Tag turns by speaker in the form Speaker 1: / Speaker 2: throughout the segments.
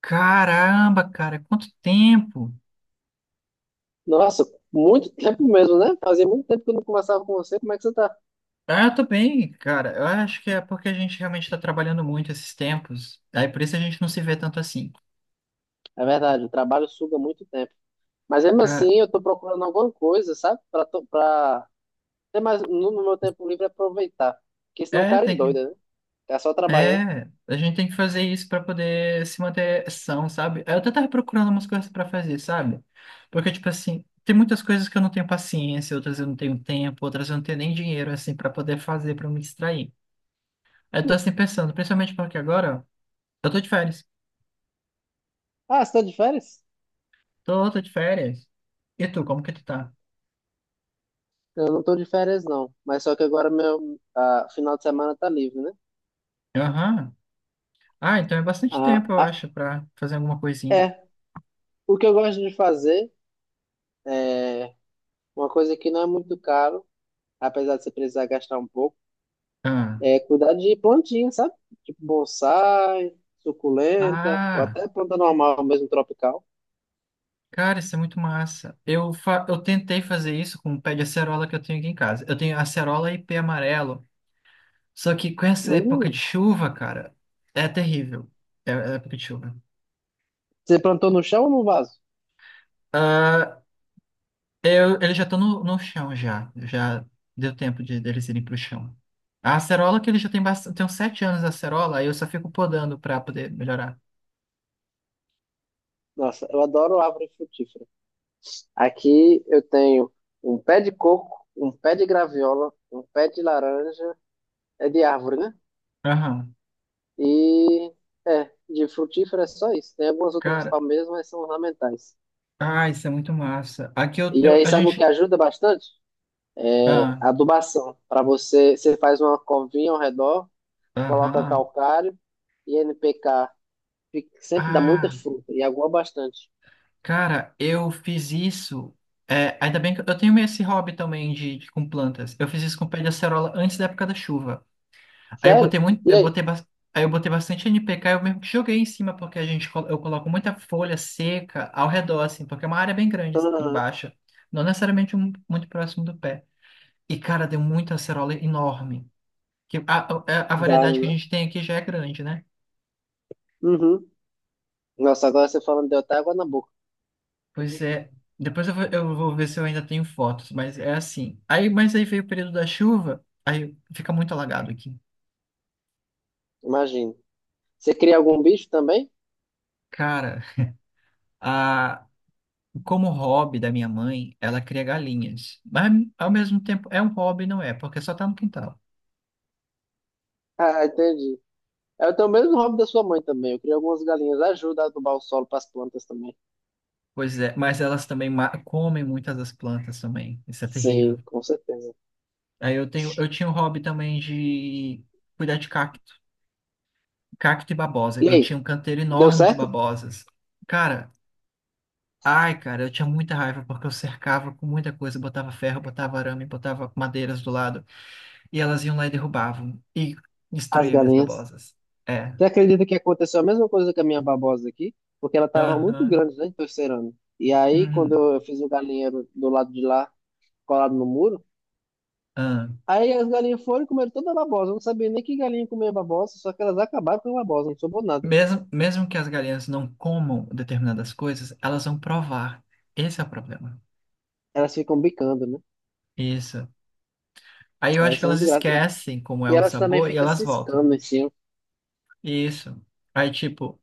Speaker 1: Caramba, cara, quanto tempo!
Speaker 2: Nossa, muito tempo mesmo, né? Fazia muito tempo que eu não conversava com você. Como é que você tá?
Speaker 1: Ah, eu tô bem, cara. Eu acho que é porque a gente realmente tá trabalhando muito esses tempos. Aí por isso a gente não se vê tanto assim.
Speaker 2: É verdade, o trabalho suga muito tempo. Mas mesmo
Speaker 1: Cara,
Speaker 2: assim, eu tô procurando alguma coisa, sabe? Pra ter mais no meu tempo livre aproveitar. Porque senão o
Speaker 1: é,
Speaker 2: cara
Speaker 1: tem que.
Speaker 2: endoida, né? Tá só trabalhando.
Speaker 1: É, a gente tem que fazer isso pra poder se manter são, sabe? Eu até tava procurando umas coisas pra fazer, sabe? Porque, tipo assim, tem muitas coisas que eu não tenho paciência, outras eu não tenho tempo, outras eu não tenho nem dinheiro, assim, pra poder fazer, pra me distrair. Aí eu tô assim pensando, principalmente porque agora eu tô de férias.
Speaker 2: Ah, você tá de férias?
Speaker 1: Tô, tô de férias. E tu, como que tu tá?
Speaker 2: Eu não tô de férias, não. Mas só que agora meu final de semana tá livre, né?
Speaker 1: Aham. Ah, então é bastante tempo,
Speaker 2: Ah,
Speaker 1: eu
Speaker 2: ah,
Speaker 1: acho, pra fazer alguma coisinha.
Speaker 2: é. O que eu gosto de fazer, é uma coisa que não é muito caro, apesar de você precisar gastar um pouco.
Speaker 1: Ah,
Speaker 2: É cuidar de plantinha, sabe? Tipo bonsai, suculenta, ou
Speaker 1: ah,
Speaker 2: até planta normal, mesmo tropical.
Speaker 1: cara, isso é muito massa. Eu tentei fazer isso com o pé de acerola que eu tenho aqui em casa. Eu tenho acerola e pé amarelo. Só que com essa época
Speaker 2: Hum,
Speaker 1: de chuva, cara, é terrível. É, é época de chuva.
Speaker 2: você plantou no chão ou no vaso?
Speaker 1: Ah, eu, eles já estão no chão já. Já deu tempo de, deles irem pro chão. A acerola que ele já tem bastante, tem uns sete anos a acerola, aí eu só fico podando pra poder melhorar.
Speaker 2: Nossa, eu adoro árvore frutífera. Aqui eu tenho um pé de coco, um pé de graviola, um pé de laranja, é de árvore, né?
Speaker 1: Aham.
Speaker 2: E é, de frutífera é só isso. Tem algumas outras
Speaker 1: Cara,
Speaker 2: palmeiras, mas são ornamentais.
Speaker 1: ah, isso é muito massa. Aqui eu,
Speaker 2: E aí,
Speaker 1: a
Speaker 2: sabe o que
Speaker 1: gente.
Speaker 2: ajuda bastante? É,
Speaker 1: Ah,
Speaker 2: adubação. Para você, você faz uma covinha ao redor, coloca
Speaker 1: aham.
Speaker 2: calcário e NPK. Fica- Sempre dá muita
Speaker 1: Ah,
Speaker 2: fruta e água bastante.
Speaker 1: cara, eu fiz isso. É, ainda bem que eu tenho meio esse hobby também com plantas. Eu fiz isso com pé de acerola antes da época da chuva. Aí eu
Speaker 2: Sério?
Speaker 1: botei muito,
Speaker 2: E
Speaker 1: eu botei,
Speaker 2: aí?
Speaker 1: aí eu botei bastante NPK, eu mesmo que joguei em cima porque eu coloco muita folha seca ao redor assim, porque é uma área bem grande assim,
Speaker 2: Aham.
Speaker 1: embaixo, não necessariamente muito próximo do pé. E cara, deu muita acerola enorme. Que a, a a
Speaker 2: Dá,
Speaker 1: variedade que a
Speaker 2: né?
Speaker 1: gente tem aqui já é grande, né?
Speaker 2: Uhum. Nossa, agora você falando deu até água na boca.
Speaker 1: Pois é. Depois eu vou ver se eu ainda tenho fotos, mas é assim. Aí, mas aí veio o período da chuva, aí fica muito alagado aqui.
Speaker 2: Imagina. Você cria algum bicho também?
Speaker 1: Cara, a, como hobby da minha mãe, ela cria galinhas. Mas ao mesmo tempo é um hobby, não é? Porque só tá no quintal.
Speaker 2: Ah, entendi. Eu tenho o mesmo hobby da sua mãe também. Eu crio algumas galinhas. Ajuda a adubar o solo para as plantas também.
Speaker 1: Pois é, mas elas também comem muitas das plantas também. Isso é
Speaker 2: Sim,
Speaker 1: terrível.
Speaker 2: com certeza.
Speaker 1: Aí eu tenho, eu tinha um hobby também de cuidar de cacto. Cacto e babosa.
Speaker 2: E
Speaker 1: Eu tinha
Speaker 2: aí?
Speaker 1: um canteiro
Speaker 2: Deu
Speaker 1: enorme de
Speaker 2: certo?
Speaker 1: babosas. Cara, ai, cara, eu tinha muita raiva porque eu cercava com muita coisa, botava ferro, botava arame, botava madeiras do lado, e elas iam lá e derrubavam e
Speaker 2: As
Speaker 1: destruíam minhas
Speaker 2: galinhas.
Speaker 1: babosas. É.
Speaker 2: Você acredita que aconteceu a mesma coisa com a minha babosa aqui? Porque ela estava muito
Speaker 1: Aham.
Speaker 2: grande, né, de terceiro ano. E aí, quando
Speaker 1: Uhum.
Speaker 2: eu fiz o galinheiro do lado de lá, colado no muro,
Speaker 1: Aham.
Speaker 2: aí as galinhas foram e comeram toda a babosa. Eu não sabia nem que galinha comia babosa, só que elas acabaram com a babosa, não sobrou nada.
Speaker 1: Mesmo, mesmo que as galinhas não comam determinadas coisas, elas vão provar. Esse é o problema.
Speaker 2: Elas ficam bicando, né?
Speaker 1: Isso. Aí eu
Speaker 2: Aí
Speaker 1: acho que
Speaker 2: são
Speaker 1: elas
Speaker 2: desgraça.
Speaker 1: esquecem como é
Speaker 2: E
Speaker 1: o
Speaker 2: elas também
Speaker 1: sabor e
Speaker 2: ficam
Speaker 1: elas voltam.
Speaker 2: ciscando em cima.
Speaker 1: Isso. Aí, tipo,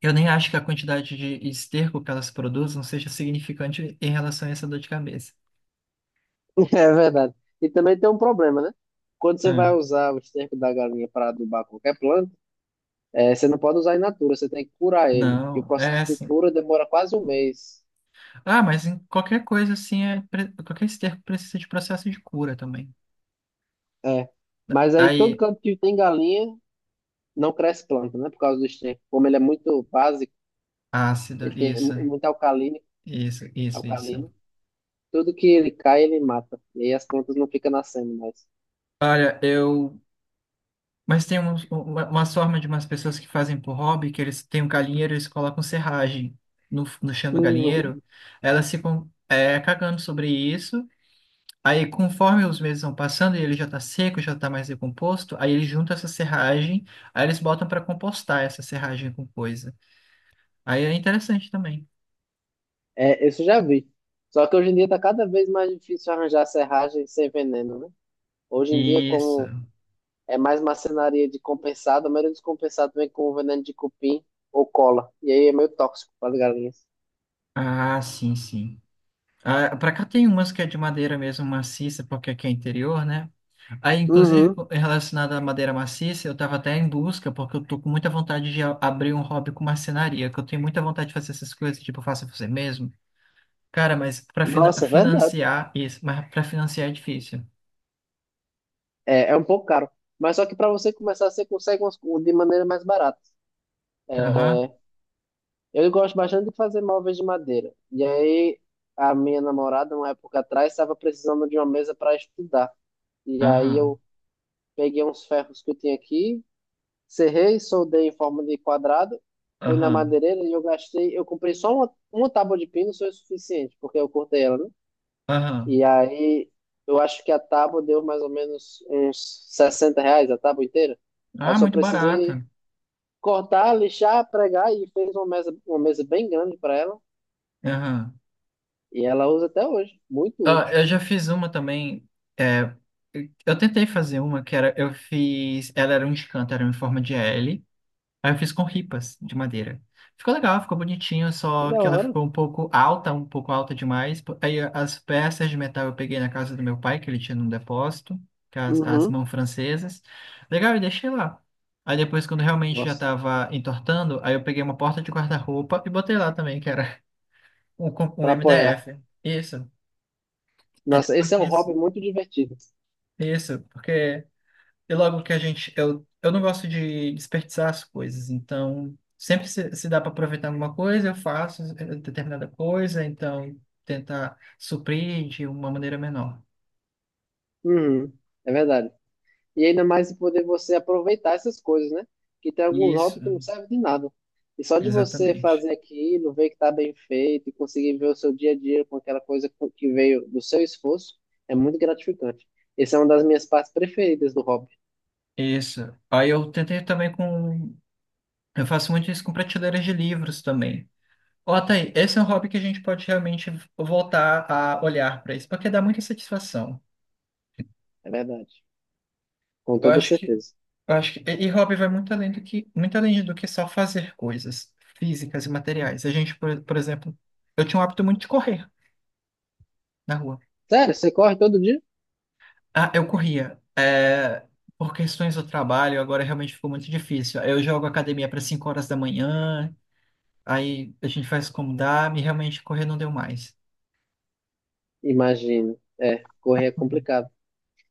Speaker 1: eu nem acho que a quantidade de esterco que elas produzem seja significante em relação a essa dor de cabeça.
Speaker 2: É verdade. E também tem um problema, né? Quando você vai usar o esterco da galinha para adubar qualquer planta, você não pode usar in natura, você tem que curar ele. E o
Speaker 1: Não, é
Speaker 2: processo de
Speaker 1: assim.
Speaker 2: cura demora quase 1 mês.
Speaker 1: Ah, mas em qualquer coisa assim, é, qualquer esterco precisa de processo de cura também.
Speaker 2: É. Mas
Speaker 1: Tá.
Speaker 2: aí todo
Speaker 1: Aí,
Speaker 2: campo que tem galinha não cresce planta, né? Por causa do esterco. Como ele é muito básico,
Speaker 1: ácida,
Speaker 2: ele tem
Speaker 1: isso,
Speaker 2: muito alcalino,
Speaker 1: isso, isso, isso.
Speaker 2: alcalino. Tudo que ele cai, ele mata. E aí as plantas não ficam nascendo mais.
Speaker 1: Olha, eu. Mas tem uma forma de umas pessoas que fazem por hobby, que eles têm um galinheiro e eles colocam serragem no chão do galinheiro.
Speaker 2: Uhum.
Speaker 1: Elas ficam é, cagando sobre isso. Aí, conforme os meses vão passando e ele já tá seco, já tá mais decomposto, aí eles juntam essa serragem, aí eles botam para compostar essa serragem com coisa. Aí é interessante também.
Speaker 2: É, isso eu já vi. Só que hoje em dia tá cada vez mais difícil arranjar serragem sem veneno, né? Hoje em dia,
Speaker 1: Isso.
Speaker 2: como é mais marcenaria de compensado, a maioria dos compensados vem com veneno de cupim ou cola. E aí é meio tóxico para as galinhas.
Speaker 1: Ah, sim, sim. Ah, para cá tem umas que é de madeira mesmo maciça, porque aqui é interior, né? Aí, inclusive,
Speaker 2: Uhum.
Speaker 1: relacionado à madeira maciça, eu tava até em busca, porque eu tô com muita vontade de abrir um hobby com marcenaria, que eu tenho muita vontade de fazer essas coisas, tipo, faça você mesmo. Cara,
Speaker 2: Nossa, verdade.
Speaker 1: mas para financiar é difícil.
Speaker 2: É, é um pouco caro. Mas só que para você começar, você consegue umas co- de maneira mais barata.
Speaker 1: Aham,
Speaker 2: Eu gosto bastante de fazer móveis de madeira. E aí, a minha namorada, uma época atrás, estava precisando de uma mesa para estudar. E aí,
Speaker 1: aham,
Speaker 2: eu peguei uns ferros que eu tinha aqui, serrei, soldei em forma de quadrado, fui na
Speaker 1: aham,
Speaker 2: madeireira e eu gastei. Eu comprei só uma tábua de pino, foi o suficiente, porque eu cortei ela, né?
Speaker 1: aham.
Speaker 2: E aí, eu acho que a tábua deu mais ou menos uns R$ 60, a tábua inteira. Aí eu
Speaker 1: Ah,
Speaker 2: só
Speaker 1: muito
Speaker 2: precisei
Speaker 1: barata.
Speaker 2: cortar, lixar, pregar e fez uma mesa bem grande para ela.
Speaker 1: Aham.
Speaker 2: E ela usa até hoje. Muito
Speaker 1: Ah,
Speaker 2: útil.
Speaker 1: eu já fiz uma também. É, eu tentei fazer uma que era. Eu fiz. Ela era um escanto, era em forma de L. Aí eu fiz com ripas de madeira. Ficou legal, ficou bonitinho,
Speaker 2: Que
Speaker 1: só
Speaker 2: da
Speaker 1: que ela
Speaker 2: hora.
Speaker 1: ficou um pouco alta demais. Aí as peças de metal eu peguei na casa do meu pai, que ele tinha num depósito, que é as
Speaker 2: Uhum.
Speaker 1: mãos francesas. Legal, e deixei lá. Aí depois, quando realmente já
Speaker 2: Nossa,
Speaker 1: tava entortando, aí eu peguei uma porta de guarda-roupa e botei lá também, que era um
Speaker 2: para apoiar.
Speaker 1: MDF. Isso. Aí
Speaker 2: Nossa,
Speaker 1: depois
Speaker 2: esse é um
Speaker 1: disso.
Speaker 2: hobby muito divertido.
Speaker 1: Isso, porque e logo que a gente. Eu não gosto de desperdiçar as coisas, então sempre se dá para aproveitar alguma coisa, eu faço eh, determinada coisa, então tentar suprir de uma maneira menor.
Speaker 2: Uhum. É verdade. E ainda mais de poder você aproveitar essas coisas, né? Que tem alguns
Speaker 1: Isso,
Speaker 2: hobbies que não servem de nada. E só de você
Speaker 1: exatamente.
Speaker 2: fazer aquilo, ver que tá bem feito e conseguir ver o seu dia a dia com aquela que veio do seu esforço, é muito gratificante. Essa é uma das minhas partes preferidas do hobby,
Speaker 1: Isso. Aí eu tentei também com. Eu faço muito isso com prateleiras de livros também. Ó, tá aí, esse é um hobby que a gente pode realmente voltar a olhar para isso, porque dá muita satisfação.
Speaker 2: é verdade. Com
Speaker 1: Eu
Speaker 2: toda
Speaker 1: acho que
Speaker 2: certeza.
Speaker 1: Eu acho que, e hobby vai muito além do que, muito além do que só fazer coisas físicas e materiais. A gente, por exemplo, eu tinha um hábito muito de correr na rua.
Speaker 2: Sério, você corre todo dia?
Speaker 1: Ah, eu corria. É, por questões do trabalho, agora realmente ficou muito difícil. Eu jogo academia para 5 horas da manhã, aí a gente faz como dá, e realmente correr não deu mais.
Speaker 2: Imagino. É, correr é
Speaker 1: Uhum.
Speaker 2: complicado.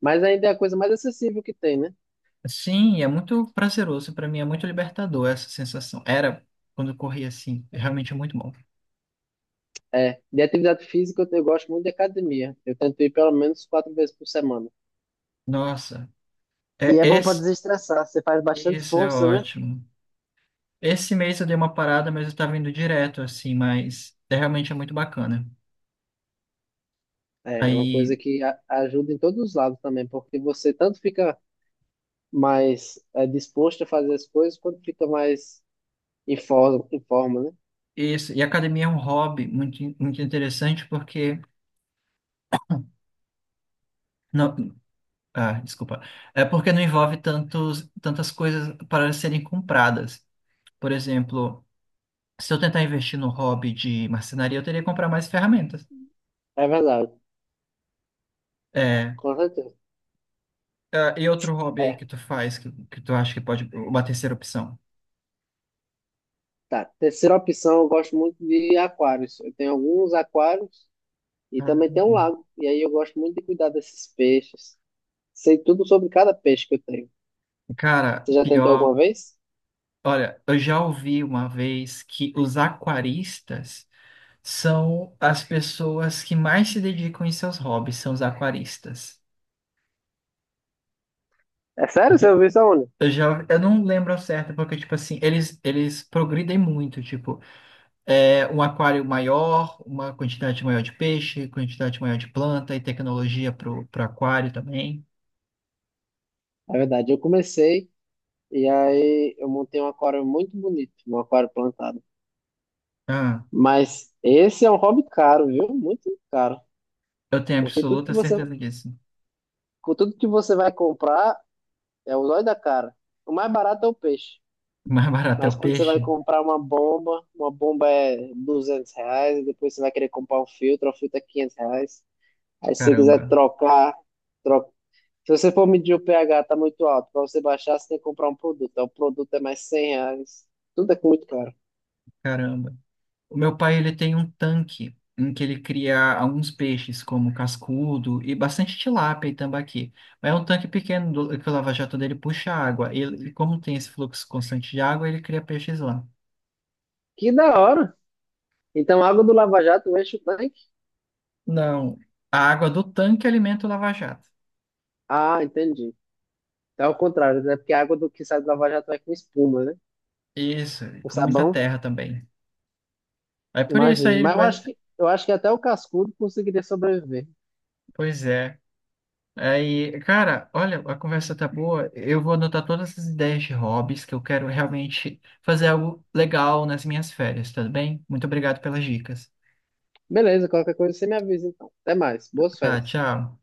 Speaker 2: Mas ainda é a coisa mais acessível que tem, né?
Speaker 1: Sim, é muito prazeroso para mim, é muito libertador essa sensação. Era quando eu corria assim, realmente é realmente muito bom.
Speaker 2: É, de atividade física eu gosto muito de academia. Eu tento ir pelo menos 4 vezes por semana.
Speaker 1: Nossa,
Speaker 2: E
Speaker 1: é
Speaker 2: é bom para
Speaker 1: esse,
Speaker 2: desestressar, você faz bastante
Speaker 1: isso é
Speaker 2: força, né?
Speaker 1: ótimo. Esse mês eu dei uma parada, mas eu estava indo direto, assim, mas é, realmente é muito bacana.
Speaker 2: É, é uma
Speaker 1: Aí,
Speaker 2: coisa que ajuda em todos os lados também, porque você tanto fica mais disposto a fazer as coisas, quanto fica mais em forma, né?
Speaker 1: isso, e academia é um hobby muito, muito interessante porque, não, ah, desculpa, é porque não envolve tantas coisas para serem compradas. Por exemplo, se eu tentar investir no hobby de marcenaria, eu teria que comprar mais ferramentas.
Speaker 2: É verdade,
Speaker 1: É,
Speaker 2: com certeza.
Speaker 1: ah, e outro hobby aí
Speaker 2: É.
Speaker 1: que tu faz, que tu acha que pode, uma terceira opção?
Speaker 2: Tá, terceira opção, eu gosto muito de aquários. Eu tenho alguns aquários e
Speaker 1: Ah,
Speaker 2: também tem um lago. E aí eu gosto muito de cuidar desses peixes. Sei tudo sobre cada peixe que eu tenho.
Speaker 1: cara,
Speaker 2: Você já tentou alguma
Speaker 1: pior.
Speaker 2: vez?
Speaker 1: Olha, eu já ouvi uma vez que os aquaristas são as pessoas que mais se dedicam em seus hobbies, são os aquaristas.
Speaker 2: É sério? Você
Speaker 1: Porque
Speaker 2: ouviu isso aonde?
Speaker 1: eu não lembro ao certo, porque, tipo assim, eles progridem muito, tipo, é, um aquário maior, uma quantidade maior de peixe, quantidade maior de planta e tecnologia pro aquário também.
Speaker 2: É verdade, eu comecei e aí eu montei um aquário muito bonito, um aquário plantado.
Speaker 1: Ah,
Speaker 2: Mas esse é um hobby caro, viu? Muito caro.
Speaker 1: eu tenho
Speaker 2: Porque tudo que
Speaker 1: absoluta
Speaker 2: você,
Speaker 1: certeza disso.
Speaker 2: com tudo que você vai comprar é o olho da cara. O mais barato é o peixe.
Speaker 1: Mais barato é
Speaker 2: Mas
Speaker 1: o
Speaker 2: quando você vai
Speaker 1: peixe?
Speaker 2: comprar uma bomba é R$ 200, e depois você vai querer comprar um filtro, o filtro é R$ 500. Aí se você quiser
Speaker 1: Caramba,
Speaker 2: trocar, troca. Se você for medir o pH, tá muito alto. Para você baixar, você tem que comprar um produto. Aí o produto é mais R$ 100. Tudo é muito caro.
Speaker 1: caramba. O meu pai, ele tem um tanque em que ele cria alguns peixes, como cascudo e bastante tilápia e tambaqui. Mas é um tanque pequeno que o lava-jato dele puxa água. Como tem esse fluxo constante de água, ele cria peixes lá.
Speaker 2: Que da hora! Então, a água do Lava Jato enche o tanque?
Speaker 1: Não, a água do tanque alimenta o lava-jato.
Speaker 2: Ah, entendi. Então, é o contrário, né? Porque a água do que sai do Lava Jato é com espuma, né?
Speaker 1: Isso, e
Speaker 2: Com
Speaker 1: com muita
Speaker 2: sabão,
Speaker 1: terra também. Aí por isso aí
Speaker 2: imagina.
Speaker 1: ele
Speaker 2: Mas
Speaker 1: vai...
Speaker 2: eu acho que até o cascudo conseguiria sobreviver.
Speaker 1: Pois é. Aí, cara, olha, a conversa tá boa. Eu vou anotar todas essas ideias de hobbies que eu quero realmente fazer algo legal nas minhas férias, tudo bem? Muito obrigado pelas dicas.
Speaker 2: Beleza, qualquer coisa você me avisa então. Até mais. Boas
Speaker 1: Tá,
Speaker 2: férias.
Speaker 1: tchau.